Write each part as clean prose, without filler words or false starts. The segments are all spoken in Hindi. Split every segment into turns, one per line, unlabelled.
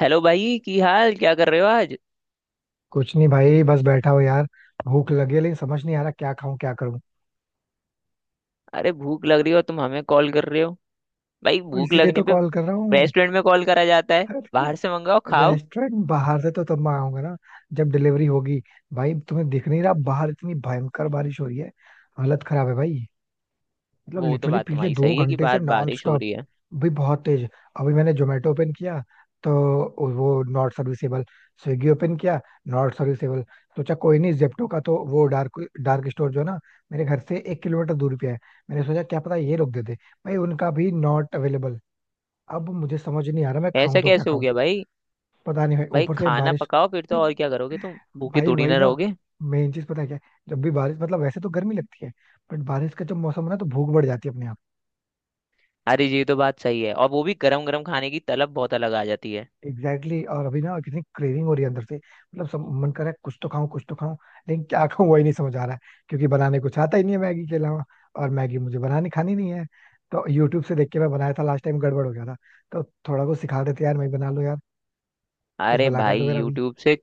हेलो भाई। की हाल क्या कर रहे हो आज।
कुछ नहीं भाई, बस बैठा हूँ यार। भूख लगी है लेकिन समझ नहीं आ रहा क्या खाऊं क्या करूं।
अरे भूख लग रही हो तुम हमें कॉल कर रहे हो। भाई
तो
भूख
इसीलिए
लगने
तो
पे
कॉल कर रहा हूँ।
रेस्टोरेंट में कॉल करा जाता है, बाहर से मंगाओ खाओ।
रेस्टोरेंट बाहर से तो तब मंगाऊंगा ना जब डिलीवरी होगी। भाई तुम्हें दिख नहीं रहा, बाहर इतनी भयंकर बारिश हो रही है। हालत खराब है भाई। मतलब
वो तो
लिटरली
बात
पिछले
तुम्हारी
दो
सही है कि
घंटे से
बाहर
नॉन
बारिश हो
स्टॉप,
रही है।
भी बहुत तेज। अभी मैंने जोमेटो ओपन किया तो वो नॉट सर्विसेबल। स्विगी ओपन किया, नॉट सर्विसेबल। सोचा कोई नहीं, जेप्टो का तो वो डार्क डार्क स्टोर जो है ना, मेरे घर से 1 किलोमीटर दूरी पे है, मैंने सोचा क्या पता ये लोग दे दे। भाई उनका भी नॉट अवेलेबल। अब मुझे समझ नहीं आ रहा मैं खाऊं
ऐसा
तो क्या
कैसे हो
खाऊं।
गया भाई।
पता नहीं भाई,
भाई
ऊपर से
खाना
बारिश।
पकाओ फिर, तो और क्या
भाई
करोगे, तुम भूखे थोड़ी
वही
ना
ना।
रहोगे।
मेन चीज पता है क्या है? जब भी बारिश, मतलब वैसे तो गर्मी लगती है, बट बारिश का जब मौसम हो ना तो भूख बढ़ जाती है अपने।
अरे ये तो बात सही है, और वो भी गरम गरम खाने की तलब बहुत अलग आ जाती है।
एग्जैक्टली exactly, और अभी ना कितनी क्रेविंग हो रही है अंदर से, मतलब सब मन कर रहा है, कुछ तो खाऊं कुछ तो खाऊं। लेकिन क्या खाऊं वही नहीं समझ आ रहा है। क्योंकि बनाने कुछ आता ही नहीं है मैगी के अलावा। और मैगी मुझे बनानी खानी नहीं है। तो यूट्यूब से देख के मैं बनाया था लास्ट टाइम, गड़बड़ हो गया था। तो थोड़ा कुछ सिखा देते यार, मैं बना लूं यार। कुछ
अरे
भला कर
भाई
दो मेरा भी।
यूट्यूब से,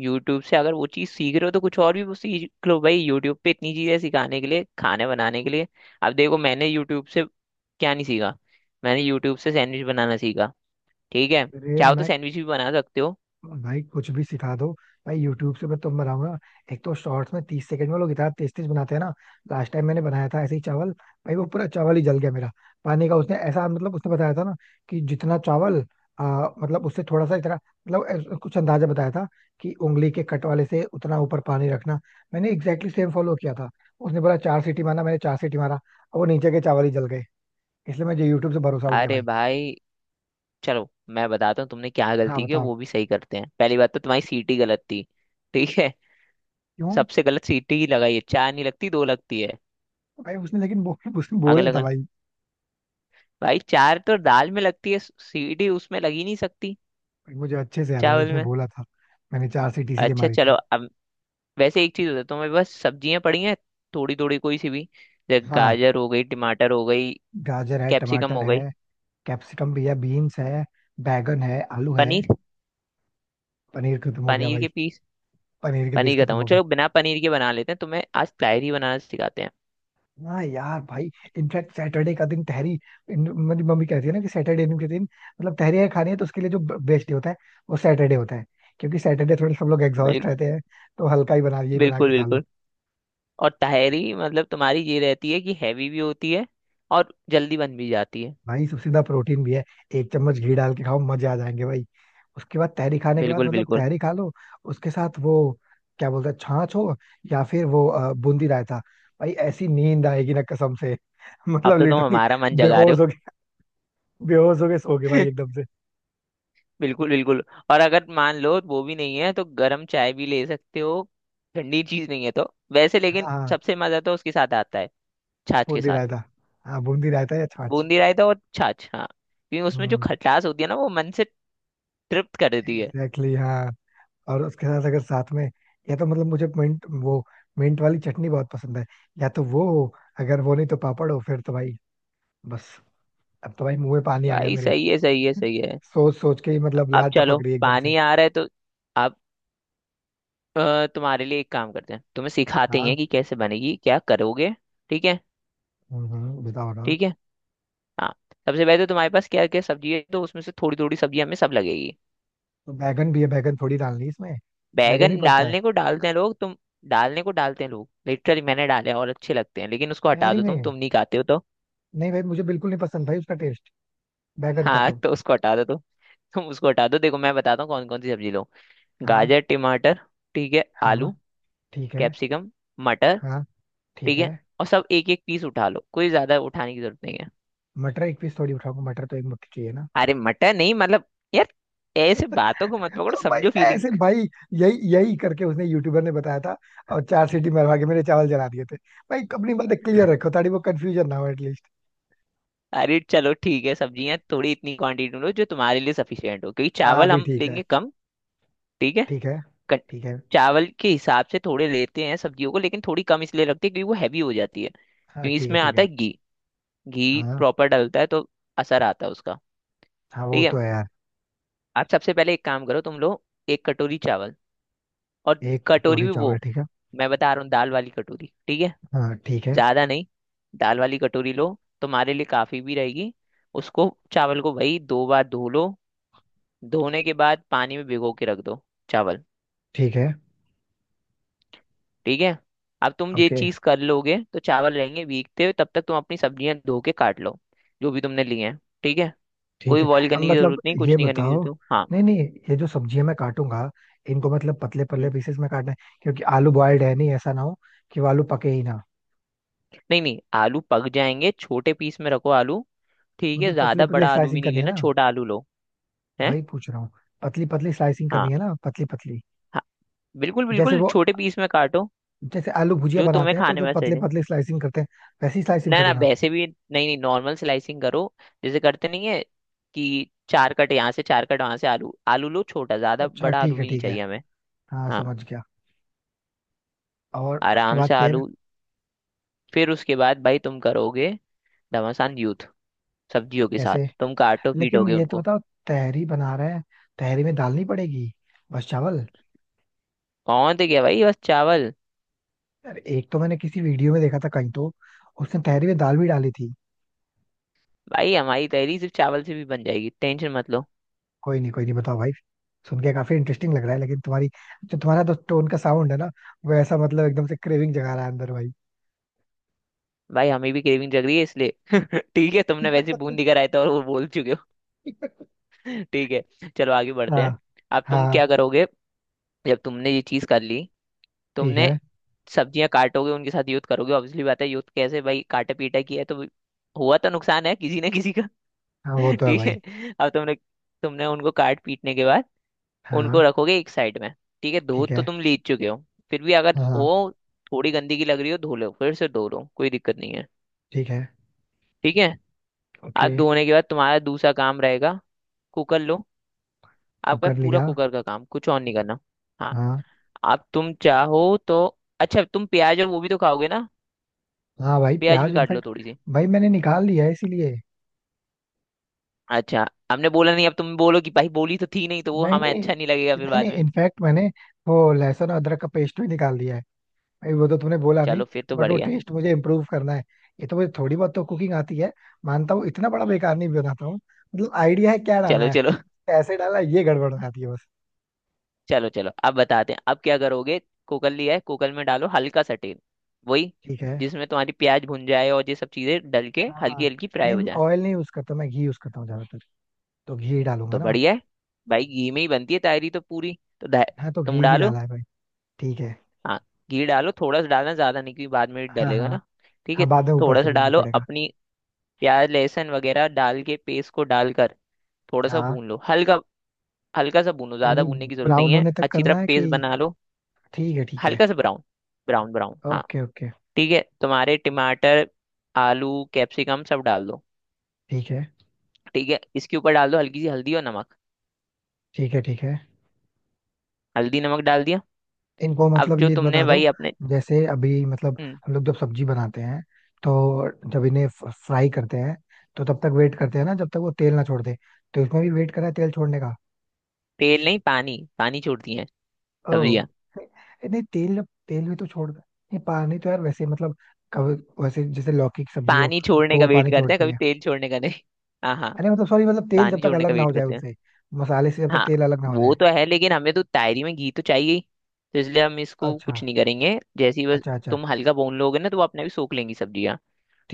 यूट्यूब से अगर वो चीज़ सीख रहे हो तो कुछ और भी वो सीख लो भाई। यूट्यूब पे इतनी चीज़ें सिखाने के लिए, खाने बनाने के लिए। अब देखो मैंने यूट्यूब से क्या नहीं सीखा। मैंने यूट्यूब से सैंडविच बनाना सीखा। ठीक है,
अरे
चाहो तो
मैं,
सैंडविच भी बना सकते हो।
भाई कुछ भी सिखा दो। भाई यूट्यूब से मैं तुम बनाऊंगा। एक तो शॉर्ट्स में 30 सेकंड में लोग इतना तेज तेज बनाते हैं ना। लास्ट टाइम मैंने बनाया था ऐसे ही चावल, भाई वो पूरा चावल ही जल गया मेरा। पानी का उसने ऐसा, मतलब उसने बताया था ना कि जितना चावल, मतलब उससे थोड़ा सा इतना मतलब कुछ अंदाजा बताया था कि उंगली के कट वाले से उतना ऊपर पानी रखना। मैंने एग्जैक्टली सेम फॉलो किया था। उसने बोला 4 सीटी मारना, मैंने 4 सीटी मारा, अब वो नीचे के चावल ही जल गए। इसलिए मुझे यूट्यूब से भरोसा उठ गया
अरे
भाई।
भाई चलो मैं बताता हूँ तुमने क्या
हाँ
गलती की, और
बताओ।
वो भी सही करते हैं। पहली बात तो तुम्हारी सीटी गलत थी। ठीक है,
क्यों?
सबसे गलत सीटी ही लगाई है। चार नहीं लगती, दो लगती है।
भाई उसने लेकिन उसने
आगे
बोला था
लगन,
भाई।
भाई चार तो दाल में लगती है सीटी, उसमें लगी नहीं सकती।
मुझे अच्छे से याद है
चावल
उसने
में।
बोला था। मैंने चार सीट इसीलिए
अच्छा
मारी थी।
चलो अब, वैसे एक चीज होता है। तो मेरे पास सब्जियां पड़ी हैं, थोड़ी थोड़ी कोई सी भी। जैसे
हाँ,
गाजर हो गई, टमाटर हो गई,
गाजर है
कैप्सिकम
टमाटर
हो गई।
है। कैप्सिकम भी है, बीन्स है। बैगन है, आलू है।
पनीर,
पनीर खत्म हो गया
पनीर
भाई।
के पीस,
पनीर के पीस
पनीर खत्म
खत्म
हो,
हो गए।
चलो बिना पनीर के बना लेते हैं। तुम्हें आज ताहरी बनाना सिखाते हैं।
हाँ यार भाई। इनफैक्ट सैटरडे का दिन तहरी। मेरी मम्मी कहती है ना कि सैटरडे के दिन मतलब तहरी अगर खानी है, तो उसके लिए जो बेस्ट डे होता है वो सैटरडे होता है, क्योंकि सैटरडे थोड़े सब लोग एग्जॉस्ट
बिल,
रहते हैं, तो हल्का ही बना यही बना
बिल्कुल
के खा लो।
बिल्कुल। और ताहरी मतलब तुम्हारी ये रहती है कि हैवी भी होती है और जल्दी बन भी जाती है।
भाई सबसे ज्यादा प्रोटीन भी है। 1 चम्मच घी डाल के खाओ, मजे आ जाएंगे भाई। उसके बाद तहरी खाने के बाद,
बिल्कुल
मतलब
बिल्कुल।
तहरी खा लो, उसके साथ वो क्या बोलते हैं, छाछ हो या फिर वो बूंदी रायता। भाई ऐसी नींद आएगी ना कसम से।
अब
मतलब
तो तुम
लिटरली
हमारा मन जगा रहे
बेहोश हो गए, बेहोश हो गए, सो गए
हो।
भाई एकदम से।
बिल्कुल बिल्कुल। और अगर मान लो वो भी नहीं है तो गर्म चाय भी ले सकते हो। ठंडी चीज नहीं है तो वैसे, लेकिन
हाँ,
सबसे मजा तो उसके साथ आता है। छाछ के
बूंदी
साथ।
रायता। हाँ, बूंदी रायता या छाछ।
बूंदी रायता और छाछ, हाँ, क्योंकि उसमें जो
हम्म।
खटास होती है ना, वो मन से तृप्त कर देती है।
एग्जैक्टली exactly, हाँ। और उसके साथ अगर साथ में, या तो मतलब मुझे मिंट वो, मिंट वाली चटनी बहुत पसंद है, या तो वो हो, अगर वो नहीं तो पापड़ हो, फिर तो भाई बस। अब तो भाई मुंह में पानी आ गया
भाई
मेरे।
सही है, सही है, सही है।
सोच सोच के ही मतलब
अब
लाल
चलो
टपक रही है एकदम से।
पानी आ रहा है तो अब, तुम्हारे लिए एक काम करते हैं, तुम्हें सिखाते ही
हाँ।
हैं कि कैसे बनेगी क्या करोगे। ठीक है,
बताओ बताओ।
ठीक है। हाँ, सबसे पहले तो तुम्हारे पास क्या क्या सब्जी है, तो उसमें से थोड़ी थोड़ी सब्जी हमें सब लगेगी।
तो बैगन भी है, बैगन थोड़ी डालनी है इसमें? बैगन भी
बैगन
पड़ता है
डालने को डालते हैं लोग, तुम, डालने को डालते हैं लोग, लिटरली मैंने डाले हैं और अच्छे लगते हैं, लेकिन उसको हटा
तहरी
दो तुम
में?
तुम नहीं खाते हो तो।
नहीं भाई, मुझे बिल्कुल नहीं पसंद भाई उसका टेस्ट, बैगन का
हाँ
तो।
तो उसको हटा दो तुम उसको हटा दो। देखो मैं बताता हूँ कौन कौन सी सब्जी लो।
हाँ।
गाजर, टमाटर, ठीक है,
हाँ,
आलू,
ठीक है।
कैप्सिकम, मटर।
हाँ, ठीक
ठीक
है।
है, और सब एक एक पीस उठा लो, कोई ज्यादा उठाने की जरूरत नहीं है।
मटर एक पीस थोड़ी उठाऊंगा, मटर तो एक मुट्ठी चाहिए ना।
अरे मटर नहीं मतलब, यार ऐसे बातों को मत पकड़ो,
तो भाई
समझो फीलिंग।
ऐसे भाई, यही यही करके उसने यूट्यूबर ने बताया था, और 4 सीटी मरवा के मेरे चावल जला दिए थे। भाई अपनी बातें क्लियर रखो ताकि वो कंफ्यूजन ना हो एटलीस्ट।
अरे चलो ठीक है, सब्जियां थोड़ी इतनी क्वांटिटी में लो जो तुम्हारे लिए सफिशियंट हो, क्योंकि
हाँ
चावल
अभी
हम
ठीक है।
लेंगे कम। ठीक है।
ठीक है।
कट-
ठीक है।
चावल के हिसाब से थोड़े लेते हैं सब्जियों को, लेकिन थोड़ी कम इसलिए रखते हैं क्योंकि वो हैवी हो जाती है,
हाँ,
क्योंकि
ठीक है।
इसमें
ठीक
आता
है।
है घी। घी
हाँ
प्रॉपर डलता है तो असर आता है उसका।
हाँ, वो
ठीक
तो
है,
है यार।
आप सबसे पहले एक काम करो तुम लोग। एक कटोरी चावल, और
एक
कटोरी
कटोरी
भी
चावल,
वो,
ठीक है।
मैं बता रहा हूँ, दाल वाली कटोरी। ठीक है,
हाँ, ठीक है।
ज्यादा नहीं, दाल वाली कटोरी लो, तुम्हारे लिए काफी भी रहेगी। उसको चावल को भाई दो बार धो लो। धोने के बाद पानी में भिगो के रख दो चावल।
ठीक है।
ठीक है, अब तुम ये
ओके।
चीज कर लोगे तो चावल रहेंगे भीगते हुए, तब तक तुम अपनी सब्जियां धो के काट लो, जो भी तुमने लिए हैं। ठीक है,
ठीक
कोई
है।
बॉईल
अब
करने की
मतलब
जरूरत नहीं,
ये
कुछ नहीं करने की
बताओ,
जरूरत है। हाँ।
नहीं नहीं, ये जो सब्जियां मैं काटूंगा, इनको मतलब पतले पतले
हम्म,
पीसेस में काटना है? क्योंकि आलू बॉयल्ड है नहीं, ऐसा ना हो कि वो आलू पके ही ना।
नहीं नहीं आलू पक जाएंगे, छोटे पीस में रखो आलू। ठीक है,
मतलब पतले
ज्यादा
पतले
बड़ा आलू भी
स्लाइसिंग
नहीं
करनी है
लेना,
ना,
छोटा आलू लो। है,
वही पूछ रहा हूँ। पतली पतली स्लाइसिंग करनी
हाँ,
है ना, पतली पतली?
हाँ बिल्कुल
जैसे
बिल्कुल,
वो,
छोटे पीस में काटो,
जैसे आलू भुजिया
जो तुम्हें
बनाते हैं तो
खाने
जो
में सही
पतले
लगे।
पतले स्लाइसिंग करते हैं, वैसी स्लाइसिंग
ना ना
करूँ ना?
वैसे भी नहीं, नहीं नॉर्मल स्लाइसिंग करो, जैसे करते नहीं है कि चार कट यहाँ से चार कट वहां से। आलू, आलू लो छोटा, ज्यादा
अच्छा
बड़ा
ठीक
आलू
है,
भी नहीं
ठीक है।
चाहिए हमें।
हाँ
हाँ,
समझ गया। और उसके
आराम
बाद
से
फिर?
आलू। फिर उसके बाद भाई तुम करोगे घमासान यूथ सब्जियों के साथ,
कैसे?
तुम काटो
लेकिन
पीटोगे
ये तो
उनको।
बताओ, तहरी बना रहे हैं, तहरी में दाल नहीं पड़ेगी? बस चावल?
कौन थे क्या भाई, बस चावल।
यार एक तो मैंने किसी वीडियो में देखा था कहीं तो, उसने तहरी में दाल भी डाली थी।
भाई हमारी तहरी सिर्फ चावल से भी बन जाएगी, टेंशन मत लो।
कोई नहीं कोई नहीं, बताओ भाई। सुन के काफी इंटरेस्टिंग लग रहा है, लेकिन तुम्हारी जो, तुम्हारा तो टोन का साउंड है ना, वो ऐसा मतलब एकदम से क्रेविंग जगा रहा है अंदर भाई।
भाई हमें भी क्रेविंग जग रही है, इसलिए ठीक है। तुमने वैसे बूंदी का रायता और वो बोल चुके हो। ठीक है, चलो आगे बढ़ते
हाँ।
हैं। अब तुम
हाँ
क्या करोगे, जब तुमने ये चीज कर ली,
ठीक
तुमने
है।
सब्जियां काटोगे, उनके साथ यूथ करोगे ऑब्वियसली बात है। यूथ कैसे भाई, काटा पीटा किया है तो हुआ तो नुकसान है किसी ना किसी का।
हाँ वो तो है
ठीक है,
भाई।
अब तुमने, तुमने उनको काट पीटने के बाद उनको
हाँ
रखोगे एक साइड में। ठीक है, धो
ठीक
तो
है।
तुम लीच चुके हो, फिर भी अगर
हाँ हाँ,
हो, थोड़ी गंदगी लग रही हो, धो लो, फिर से धो लो, कोई दिक्कत नहीं है।
ठीक है।
ठीक है, आप
ओके।
धोने के बाद तुम्हारा दूसरा काम रहेगा, कुकर लो। आपका
कुकर
पूरा
लिया।
कुकर का काम, कुछ और नहीं करना। हाँ,
हाँ।
आप, तुम चाहो तो, अच्छा तुम प्याज और वो भी तो खाओगे ना,
हाँ भाई,
प्याज भी
प्याज
काट लो
इनफैक्ट,
थोड़ी सी।
भाई मैंने निकाल लिया है इसीलिए।
अच्छा, हमने बोला नहीं, अब तुम बोलो कि भाई बोली तो थी नहीं, तो वो
नहीं
हमें
नहीं,
अच्छा नहीं लगेगा फिर
नहीं
बाद
नहीं,
में।
इनफैक्ट मैंने वो लहसुन और अदरक का पेस्ट भी निकाल दिया है। भाई वो तो तुमने बोला नहीं।
चलो फिर तो
बट वो
बढ़िया।
टेस्ट मुझे इम्प्रूव करना है। ये तो मुझे थोड़ी बहुत तो कुकिंग आती है, मानता हूँ, इतना बड़ा बेकार नहीं बनाता हूँ, मतलब आइडिया है क्या डालना
चलो
है,
चलो,
कैसे डालना है, ये गड़बड़ हो जाती है बस।
चलो चलो अब बताते हैं अब क्या करोगे। कुकर लिया है, कुकर में डालो हल्का सा तेल, वही
ठीक है।
जिसमें तुम्हारी प्याज भुन जाए और ये सब चीजें डल के
हाँ हाँ।
हल्की हल्की फ्राई हो
नहीं,
जाए।
ऑयल नहीं यूज करता मैं, घी यूज करता हूँ ज्यादातर, तो घी ही डालूंगा
तो
ना।
बढ़िया है, भाई घी में ही बनती है तायरी तो पूरी तो दा-,
हाँ, तो घी
तुम
ही
डालो।
डाला है भाई। ठीक है।
हाँ, घी डालो थोड़ा सा, डालना ज्यादा नहीं क्योंकि बाद में
हाँ
डलेगा
हाँ।
ना। ठीक है,
हाँ, बाद में ऊपर
थोड़ा
से
सा
भी
डालो
पड़ेगा।
अपनी प्याज लहसुन वगैरह, डाल के पेस्ट को डालकर थोड़ा सा
हाँ।
भून लो हल्का। हल्का सा भूनो, ज्यादा भूनने की जरूरत नहीं
ब्राउन
है,
होने तक
अच्छी तरह
करना है
पेस्ट
कि?
बना लो।
ठीक है ठीक है।
हल्का सा ब्राउन, ब्राउन ब्राउन, हाँ
ओके ओके।
ठीक है। तुम्हारे टमाटर, आलू, कैप्सिकम सब डाल दो।
ठीक है।
ठीक है, इसके ऊपर डाल दो हल्की सी हल्दी और नमक।
ठीक है ठीक है।
हल्दी नमक डाल दिया।
इनको
अब
मतलब
जो
ये
तुमने
बता दो,
वही अपने,
जैसे अभी मतलब,
हम्म,
हम लोग जब सब्जी बनाते हैं, तो जब इन्हें फ्राई करते हैं तो तब तक वेट करते हैं ना जब तक वो तेल ना छोड़ दे, तो इसमें भी वेट करा है तेल छोड़ने का?
तेल नहीं, पानी, पानी छोड़ती हैं
ओ।
सब्जियां।
नहीं तेल, तेल भी तो छोड़, नहीं पानी तो यार वैसे, मतलब कब, वैसे जैसे लौकी की सब्जी हो
पानी
तो
छोड़ने का
वो
वेट
पानी
करते हैं,
छोड़ती
कभी
है।
तेल छोड़ने का नहीं। हाँ हाँ,
अरे मतलब सॉरी, मतलब तेल जब
पानी
तक
छोड़ने
अलग
का
ना हो
वेट
जाए
करते हैं।
उनसे, मसाले से जब तक
हाँ
तेल अलग ना हो जाए।
वो तो है, लेकिन हमें तो तायरी में घी तो चाहिए ही, तो इसलिए हम इसको
अच्छा।
कुछ नहीं करेंगे, जैसे ही बस
अच्छा अच्छा।
तुम हल्का भून लोगे ना तो वो अपने भी सोख लेंगी सब्जियां।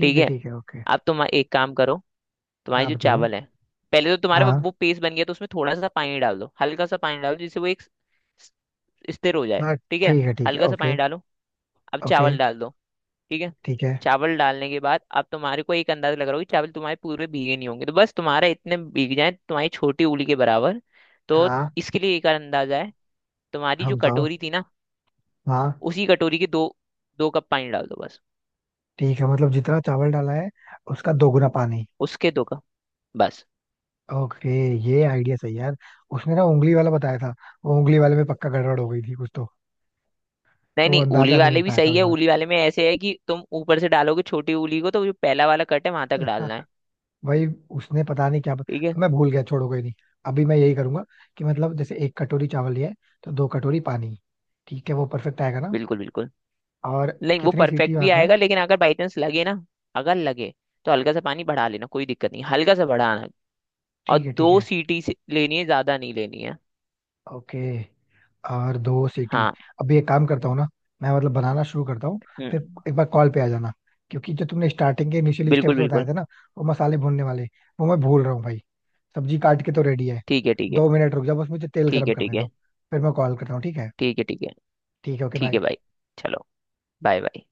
ठीक
है
है,
ठीक है। ओके।
अब तुम एक काम करो, तुम्हारे
हाँ
जो
बताओ।
चावल है, पहले तो तुम्हारे
हाँ।
वो पेस्ट बन गया तो उसमें थोड़ा सा पानी डाल दो। हल्का सा पानी डालो जिससे वो एक स्थिर हो जाए।
हाँ।
ठीक है,
ठीक है ठीक है।
हल्का सा
ओके
पानी डालो, अब
ओके।
चावल डाल दो। ठीक है,
ठीक है।
चावल डालने के बाद अब तुम्हारे को एक अंदाजा लग रहा होगा कि चावल तुम्हारे पूरे भीगे नहीं होंगे, तो बस तुम्हारा इतने भीग जाए तुम्हारी छोटी उंगली के बराबर। तो
हाँ,
इसके लिए एक अंदाजा है, तुम्हारी जो
हम बताओ।
कटोरी थी ना,
हाँ।
उसी कटोरी के दो, दो कप पानी डाल दो बस।
ठीक है, मतलब जितना चावल डाला है उसका दोगुना पानी।
उसके दो कप बस।
ओके। ये आइडिया सही है यार। उसने ना उंगली वाला बताया था, वो उंगली वाले में पक्का गड़बड़ हो गई थी कुछ तो
नहीं
तो वो
नहीं, उली
अंदाजा नहीं मिल
वाले भी
पाया था
सही
उस
है, उली वाले में ऐसे है कि तुम ऊपर से डालोगे छोटी उंगली को, तो जो पहला वाला कट है वहां तक
बार।
डालना है।
भाई उसने पता नहीं क्या
ठीक है,
मैं भूल गया, छोड़ो कोई नहीं। अभी मैं यही करूंगा कि मतलब, जैसे 1 कटोरी चावल लिया है तो 2 कटोरी पानी, ठीक है? वो परफेक्ट आएगा ना?
बिल्कुल बिल्कुल।
और
नहीं वो
कितनी सीटी
परफेक्ट भी
मारना है?
आएगा, लेकिन अगर बाई चांस लगे ना, अगर लगे तो हल्का सा पानी बढ़ा लेना, कोई दिक्कत नहीं, हल्का सा बढ़ाना। और
ठीक है ठीक
दो
है।
सीटी से लेनी है, ज्यादा नहीं लेनी है।
ओके। और 2 सीटी?
हाँ।
अभी एक काम करता हूँ ना, मैं मतलब बनाना शुरू करता हूँ, फिर
हम्म।
एक बार कॉल पे आ जाना। क्योंकि जो तुमने स्टार्टिंग के इनिशियल
बिल्कुल
स्टेप्स बताए
बिल्कुल।
थे ना, वो मसाले भूनने वाले, वो मैं भूल रहा हूँ भाई। सब्जी काट के तो रेडी है।
ठीक है, ठीक है,
2 मिनट रुक जाओ, बस मुझे तेल
ठीक
गर्म
है, ठीक
करने दो,
है,
फिर मैं कॉल करता हूँ, ठीक है?
ठीक है, ठीक है।
ठीक है। ओके
ठीक है
बाय।
भाई, चलो, बाय बाय।